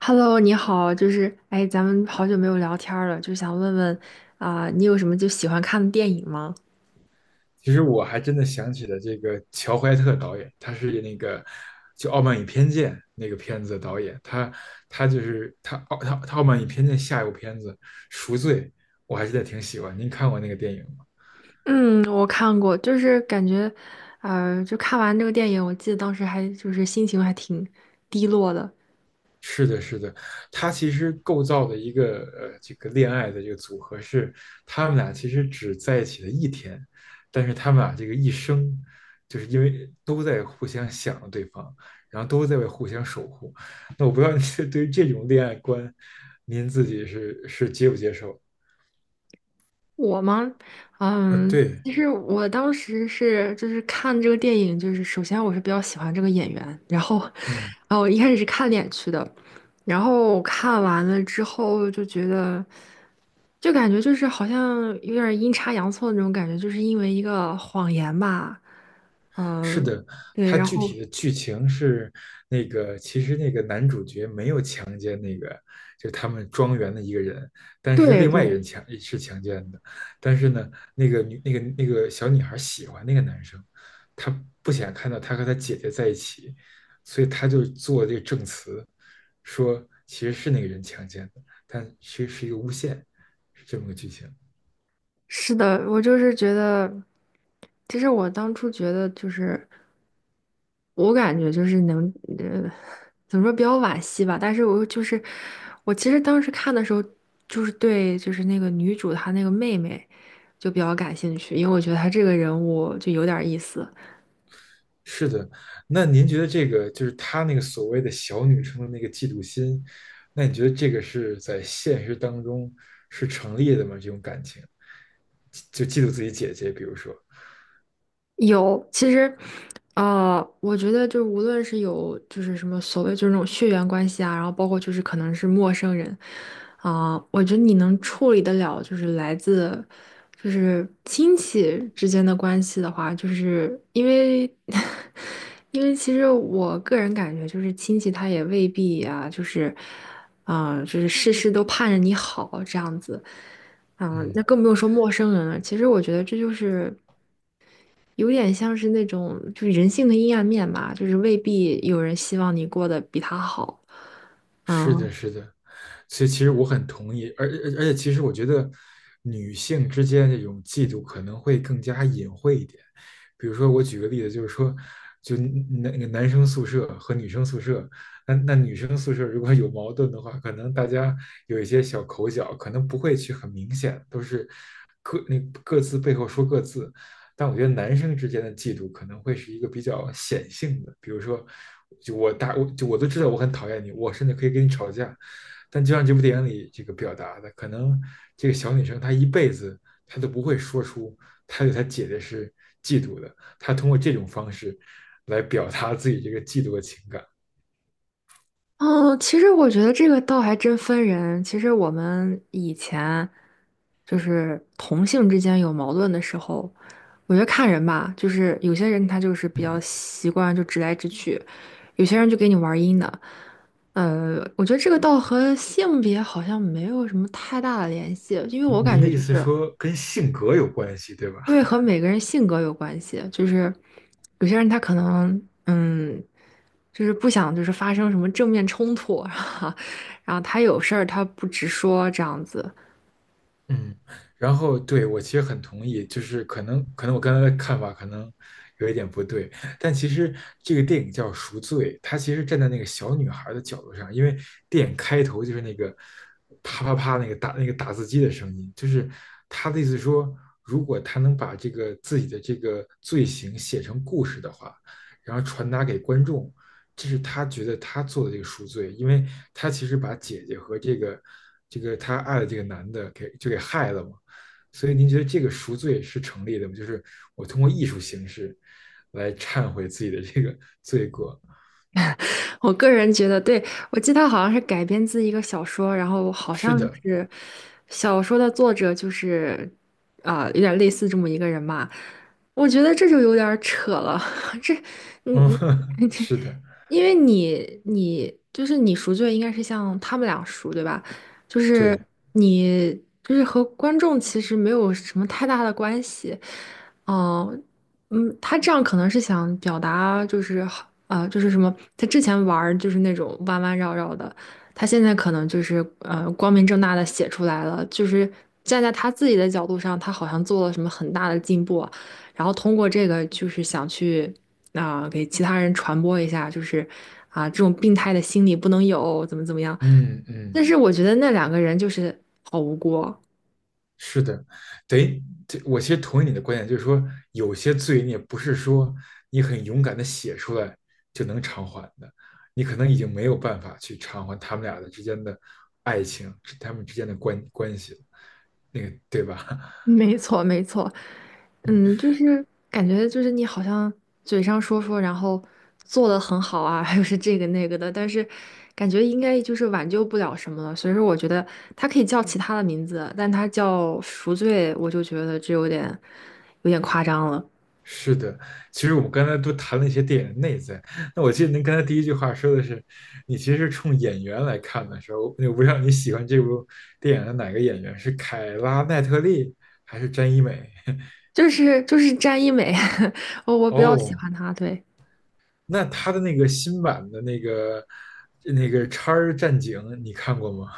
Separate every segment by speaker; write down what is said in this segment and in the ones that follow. Speaker 1: Hello，你好，就是哎，咱们好久没有聊天儿了，就想问问啊、你有什么就喜欢看的电影吗？
Speaker 2: 其实我还真的想起了这个乔怀特导演，他是那个《傲慢与偏见》那个片子的导演，他他就是他傲他他《傲慢与偏见》下一部片子《赎罪》，我还是挺喜欢。您看过那个电影吗？
Speaker 1: 嗯，我看过，就是感觉，就看完这个电影，我记得当时还就是心情还挺低落的。
Speaker 2: 是的，是的，他其实构造的一个这个恋爱的这个组合是，他们俩其实只在一起了一天，但是他们俩这个一生，就是因为都在互相想着对方，然后都在为互相守护。那我不知道你 对于这种恋爱观，您自己是接不接受？
Speaker 1: 我吗？
Speaker 2: 啊，
Speaker 1: 嗯，
Speaker 2: 对。
Speaker 1: 其实我当时是就是看这个电影，就是首先我是比较喜欢这个演员，然后，
Speaker 2: 嗯。
Speaker 1: 然后我一开始是看脸去的，然后看完了之后就觉得。就感觉就是好像有点阴差阳错的那种感觉，就是因为一个谎言吧，
Speaker 2: 是
Speaker 1: 嗯、
Speaker 2: 的，
Speaker 1: 对，
Speaker 2: 它
Speaker 1: 然
Speaker 2: 具
Speaker 1: 后
Speaker 2: 体的剧情是那个，其实那个男主角没有强奸那个，就是他们庄园的一个人，但是
Speaker 1: 对
Speaker 2: 另外一个
Speaker 1: 对，
Speaker 2: 人强奸的，但是呢，那个女那个那个小女孩喜欢那个男生，她不想看到他和他姐姐在一起，所以她就做这个证词，说其实是那个人强奸的，但其实是一个诬陷，是这么个剧情。
Speaker 1: 是的，我就是觉得，其实我当初觉得就是，我感觉就是能，呃，怎么说比较惋惜吧，但是我就是，我其实当时看的时候，就是对，就是那个女主她那个妹妹就比较感兴趣，因为我觉得她这个人物就有点意思。
Speaker 2: 是的，那您觉得这个就是她那个所谓的小女生的那个嫉妒心，那你觉得这个是在现实当中是成立的吗？这种感情，就嫉妒自己姐姐，比如说，
Speaker 1: 有，其实，我觉得就是无论是有就是什么所谓就是那种血缘关系啊，然后包括就是可能是陌生人，啊、我觉得你能处理得了就是来自就是亲戚之间的关系的话，就是因为 因为其实我个人感觉就是亲戚他也未必啊，就是啊、就是事事都盼着你好这样子。嗯，
Speaker 2: 嗯。
Speaker 1: 那更不用说陌生人了。其实我觉得这就是有点像是那种就是人性的阴暗面吧，就是未必有人希望你过得比他好。
Speaker 2: 是
Speaker 1: 嗯
Speaker 2: 的，是的，所以其实我很同意，而且其实我觉得女性之间这种嫉妒可能会更加隐晦一点。比如说，我举个例子，就是说，男生宿舍和女生宿舍，那女生宿舍如果有矛盾的话，可能大家有一些小口角，可能不会去很明显，都是各那各自背后说各自，但我觉得男生之间的嫉妒可能会是一个比较显性的，比如说，就我大我就我都知道我很讨厌你，我甚至可以跟你吵架，但就像这部电影里这个表达的，可能这个小女生她一辈子她都不会说出她对她姐姐是嫉妒的，她通过这种方式来表达自己这个嫉妒的情感。
Speaker 1: 嗯，其实我觉得这个倒还真分人。其实我们以前就是同性之间有矛盾的时候，我觉得看人吧，就是有些人他就是比
Speaker 2: 嗯，
Speaker 1: 较习惯就直来直去，有些人就给你玩阴的。我觉得这个倒和性别好像没有什么太大的联系，因为我感
Speaker 2: 您
Speaker 1: 觉
Speaker 2: 的意
Speaker 1: 就
Speaker 2: 思
Speaker 1: 是。
Speaker 2: 说跟性格有关系，对吧？
Speaker 1: 因为和每个人性格有关系，就是有些人他可能就是不想就是发生什么正面冲突啊，然后他有事儿他不直说这样子。
Speaker 2: 嗯，然后对我其实很同意，就是可能我刚才的看法可能有一点不对，但其实这个电影叫《赎罪》，它其实站在那个小女孩的角度上，因为电影开头就是那个啪啪啪那个打字机的声音，就是他的意思说，如果他能把这个自己的这个罪行写成故事的话，然后传达给观众，这是他觉得他做的这个赎罪，因为他其实把姐姐和这个他爱的这个男的给害了嘛。所以您觉得这个赎罪是成立的吗？就是我通过艺术形式来忏悔自己的这个罪过。
Speaker 1: 我个人觉得，对，我记得他好像是改编自一个小说，然后好像
Speaker 2: 是的，
Speaker 1: 是小说的作者就是啊、有点类似这么一个人嘛。我觉得这就有点儿扯了，这你
Speaker 2: 嗯，是的，
Speaker 1: 因为你就是你赎罪，应该是像他们俩赎，对吧？就是
Speaker 2: 对，
Speaker 1: 你就是和观众其实没有什么太大的关系，嗯、嗯，他这样可能是想表达就是好就是什么，他之前玩儿就是那种弯弯绕绕的，他现在可能就是光明正大的写出来了，就是站在他自己的角度上，他好像做了什么很大的进步啊然后通过这个就是想去。啊、给其他人传播一下，就是啊、这种病态的心理不能有，怎么怎么样。
Speaker 2: 嗯嗯。
Speaker 1: 但是我觉得那两个人就是好无辜，
Speaker 2: 是的，等于这我其实同意你的观点，就是说有些罪孽不是说你很勇敢的写出来就能偿还的，你可能已经没有办法去偿还他们俩的之间的爱情，他们之间的关系了那个对吧？
Speaker 1: 没错，没错，
Speaker 2: 嗯，
Speaker 1: 嗯，就是感觉就是你好像嘴上说说，然后做的很好啊，又是这个那个的，但是感觉应该就是挽救不了什么了。所以说，我觉得他可以叫其他的名字，但他叫赎罪，我就觉得这有点夸张了。
Speaker 2: 是的。其实我们刚才都谈了一些电影的内在，那我记得您刚才第一句话说的是，你其实是冲演员来看的时候，我不知道你喜欢这部电影的哪个演员，是凯拉奈特利还是詹一美？
Speaker 1: 就是詹一美，我比较喜
Speaker 2: 哦，
Speaker 1: 欢他，对。
Speaker 2: 那他的那个新版的那个《叉儿战警》，你看过吗？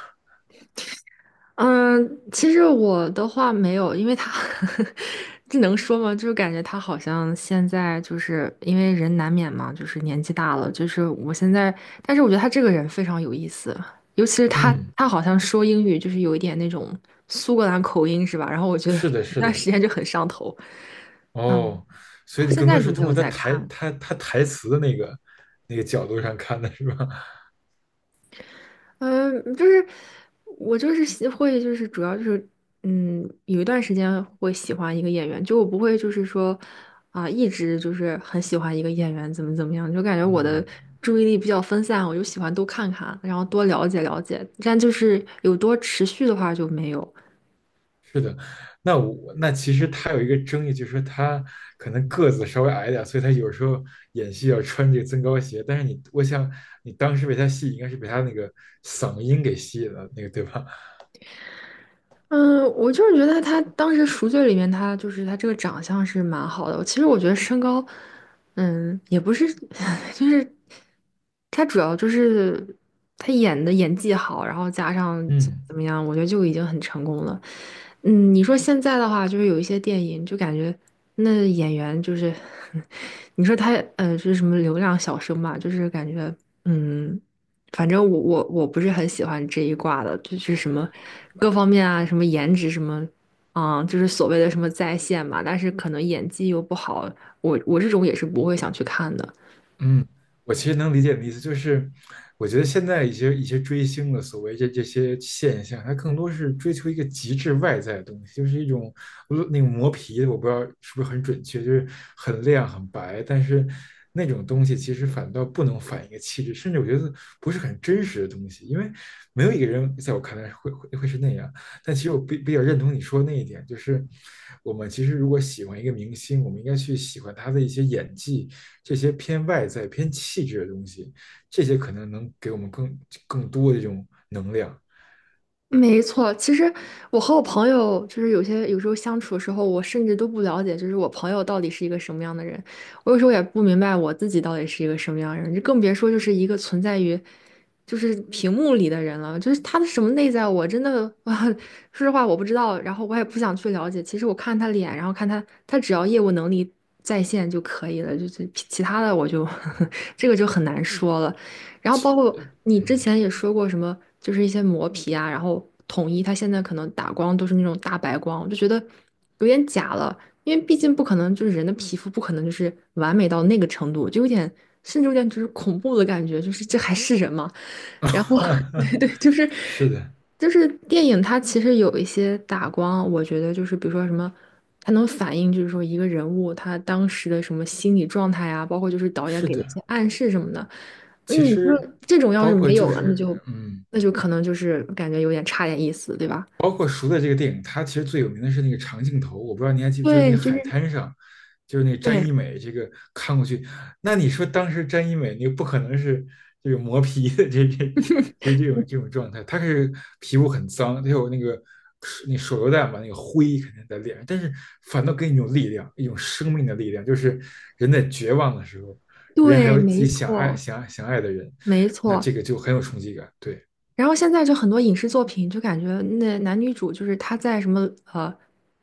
Speaker 1: 嗯，其实我的话没有，因为他 这能说吗？就是感觉他好像现在就是因为人难免嘛，就是年纪大了，就是我现在，但是我觉得他这个人非常有意思，尤其是他，
Speaker 2: 嗯，
Speaker 1: 他好像说英语就是有一点那种苏格兰口音是吧？然后我觉得
Speaker 2: 是的，
Speaker 1: 那
Speaker 2: 是
Speaker 1: 段
Speaker 2: 的。
Speaker 1: 时间就很上头，嗯，
Speaker 2: 哦，所以你
Speaker 1: 现
Speaker 2: 更多
Speaker 1: 在就
Speaker 2: 是
Speaker 1: 没
Speaker 2: 通
Speaker 1: 有
Speaker 2: 过他
Speaker 1: 再
Speaker 2: 台
Speaker 1: 看了。
Speaker 2: 他他台词的那个那个角度上看的是吧？
Speaker 1: 嗯，就是我就是喜会就是主要就是有一段时间会喜欢一个演员，就我不会就是说啊、一直就是很喜欢一个演员怎么怎么样，就感觉我的
Speaker 2: 嗯，
Speaker 1: 注意力比较分散，我就喜欢多看看，然后多了解了解，但就是有多持续的话就没有。
Speaker 2: 是的。那其实他有一个争议，就是说他可能个子稍微矮一点所以他有时候演戏要穿这个增高鞋。但是你，我想你当时被他戏应该是被他那个嗓音给吸引了，那个对吧？
Speaker 1: 嗯，我就是觉得他当时赎罪里面，他就是他这个长相是蛮好的。我其实我觉得身高，也不是，就是他主要就是他演的演技好，然后加上怎么
Speaker 2: 嗯。
Speaker 1: 怎么样，我觉得就已经很成功了。嗯，你说现在的话，就是有一些电影就感觉那演员就是，你说他就是什么流量小生嘛，就是感觉嗯。反正我不是很喜欢这一挂的，就是什么各方面啊，什么颜值什么，就是所谓的什么在线嘛，但是可能演技又不好，我这种也是不会想去看的。
Speaker 2: 嗯，我其实能理解你的意思，就是我觉得现在一些追星的所谓这些现象，它更多是追求一个极致外在的东西，就是一种那个磨皮，我不知道是不是很准确，就是很亮很白，但是那种东西其实反倒不能反映一个气质，甚至我觉得不是很真实的东西，因为没有一个人在我看来会是那样。但其实我比较认同你说的那一点，就是我们其实如果喜欢一个明星，我们应该去喜欢他的一些演技。这些偏外在、偏气质的东西，这些可能能给我们更多的这种能量。
Speaker 1: 没错，其实我和我朋友就是有时候相处的时候，我甚至都不了解，就是我朋友到底是一个什么样的人。我有时候也不明白我自己到底是一个什么样的人，就更别说就是一个存在于就是屏幕里的人了。就是他的什么内在，我真的啊，说实话我不知道，然后我也不想去了解。其实我看他脸，然后看他只要业务能力在线就可以了，就是其他的我就 这个就很难说了。然后包括你之前
Speaker 2: 嗯，
Speaker 1: 也说过什么，就是一些磨皮啊，然后统一它现在可能打光都是那种大白光，我就觉得有点假了，因为毕竟不可能就是人的皮肤不可能就是完美到那个程度，就有点甚至有点就是恐怖的感觉，就是这还是人吗？然后 对对，就是
Speaker 2: 是的，
Speaker 1: 就是电影它其实有一些打光，我觉得就是比如说什么。它能反映，就是说一个人物他当时的什么心理状态啊，包括就是导演
Speaker 2: 是
Speaker 1: 给的一些
Speaker 2: 的。
Speaker 1: 暗示什么的。那
Speaker 2: 其
Speaker 1: 你说
Speaker 2: 实
Speaker 1: 这种要是
Speaker 2: 包括
Speaker 1: 没
Speaker 2: 就
Speaker 1: 有了，那
Speaker 2: 是，
Speaker 1: 就
Speaker 2: 嗯，
Speaker 1: 那就可能就是感觉有点差点意思，对吧？
Speaker 2: 包括《赎的这个电影，它其实最有名的是那个长镜头，我不知道你还记不，就是那
Speaker 1: 对，就
Speaker 2: 海
Speaker 1: 是
Speaker 2: 滩上，就是那詹
Speaker 1: 对
Speaker 2: 一美这个看过去，那你说当时詹一美那个不可能是这个磨皮的这就是这种状态，她是皮肤很脏，她有那个那手榴弹吧，那个灰肯定在脸上，但是反倒给你一种力量，一种生命的力量，就是人在绝望的时候，人还
Speaker 1: 对，
Speaker 2: 有自
Speaker 1: 没
Speaker 2: 己
Speaker 1: 错
Speaker 2: 想爱的人，
Speaker 1: 没
Speaker 2: 那
Speaker 1: 错。
Speaker 2: 这个就很有冲击感，对。
Speaker 1: 然后现在就很多影视作品，就感觉那男女主就是他在什么呃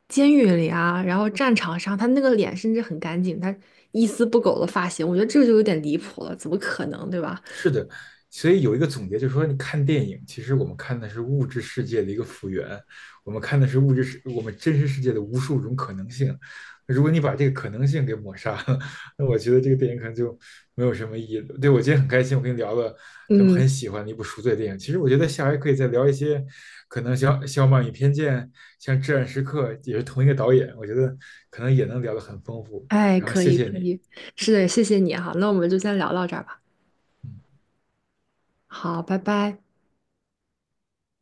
Speaker 1: 监狱里啊，然后战场上，他那个脸甚至很干净，他一丝不苟的发型，我觉得这就有点离谱了，怎么可能，对吧？
Speaker 2: 所以有一个总结，就是说，你看电影，其实我们看的是物质世界的一个复原，我们看的是物质世，我们真实世界的无数种可能性。如果你把这个可能性给抹杀了，那我觉得这个电影可能就没有什么意义了。对，我今天很开心，我跟你聊了咱们
Speaker 1: 嗯，
Speaker 2: 很喜欢的一部赎罪电影。其实我觉得下回可以再聊一些，可能像《傲慢与偏见》、像《至暗时刻》，也是同一个导演，我觉得可能也能聊得很丰富。
Speaker 1: 哎，
Speaker 2: 然后
Speaker 1: 可
Speaker 2: 谢
Speaker 1: 以
Speaker 2: 谢
Speaker 1: 可
Speaker 2: 你，
Speaker 1: 以，是的，谢谢你哈，那我们就先聊到这儿吧。
Speaker 2: 嗯。
Speaker 1: 好，拜拜。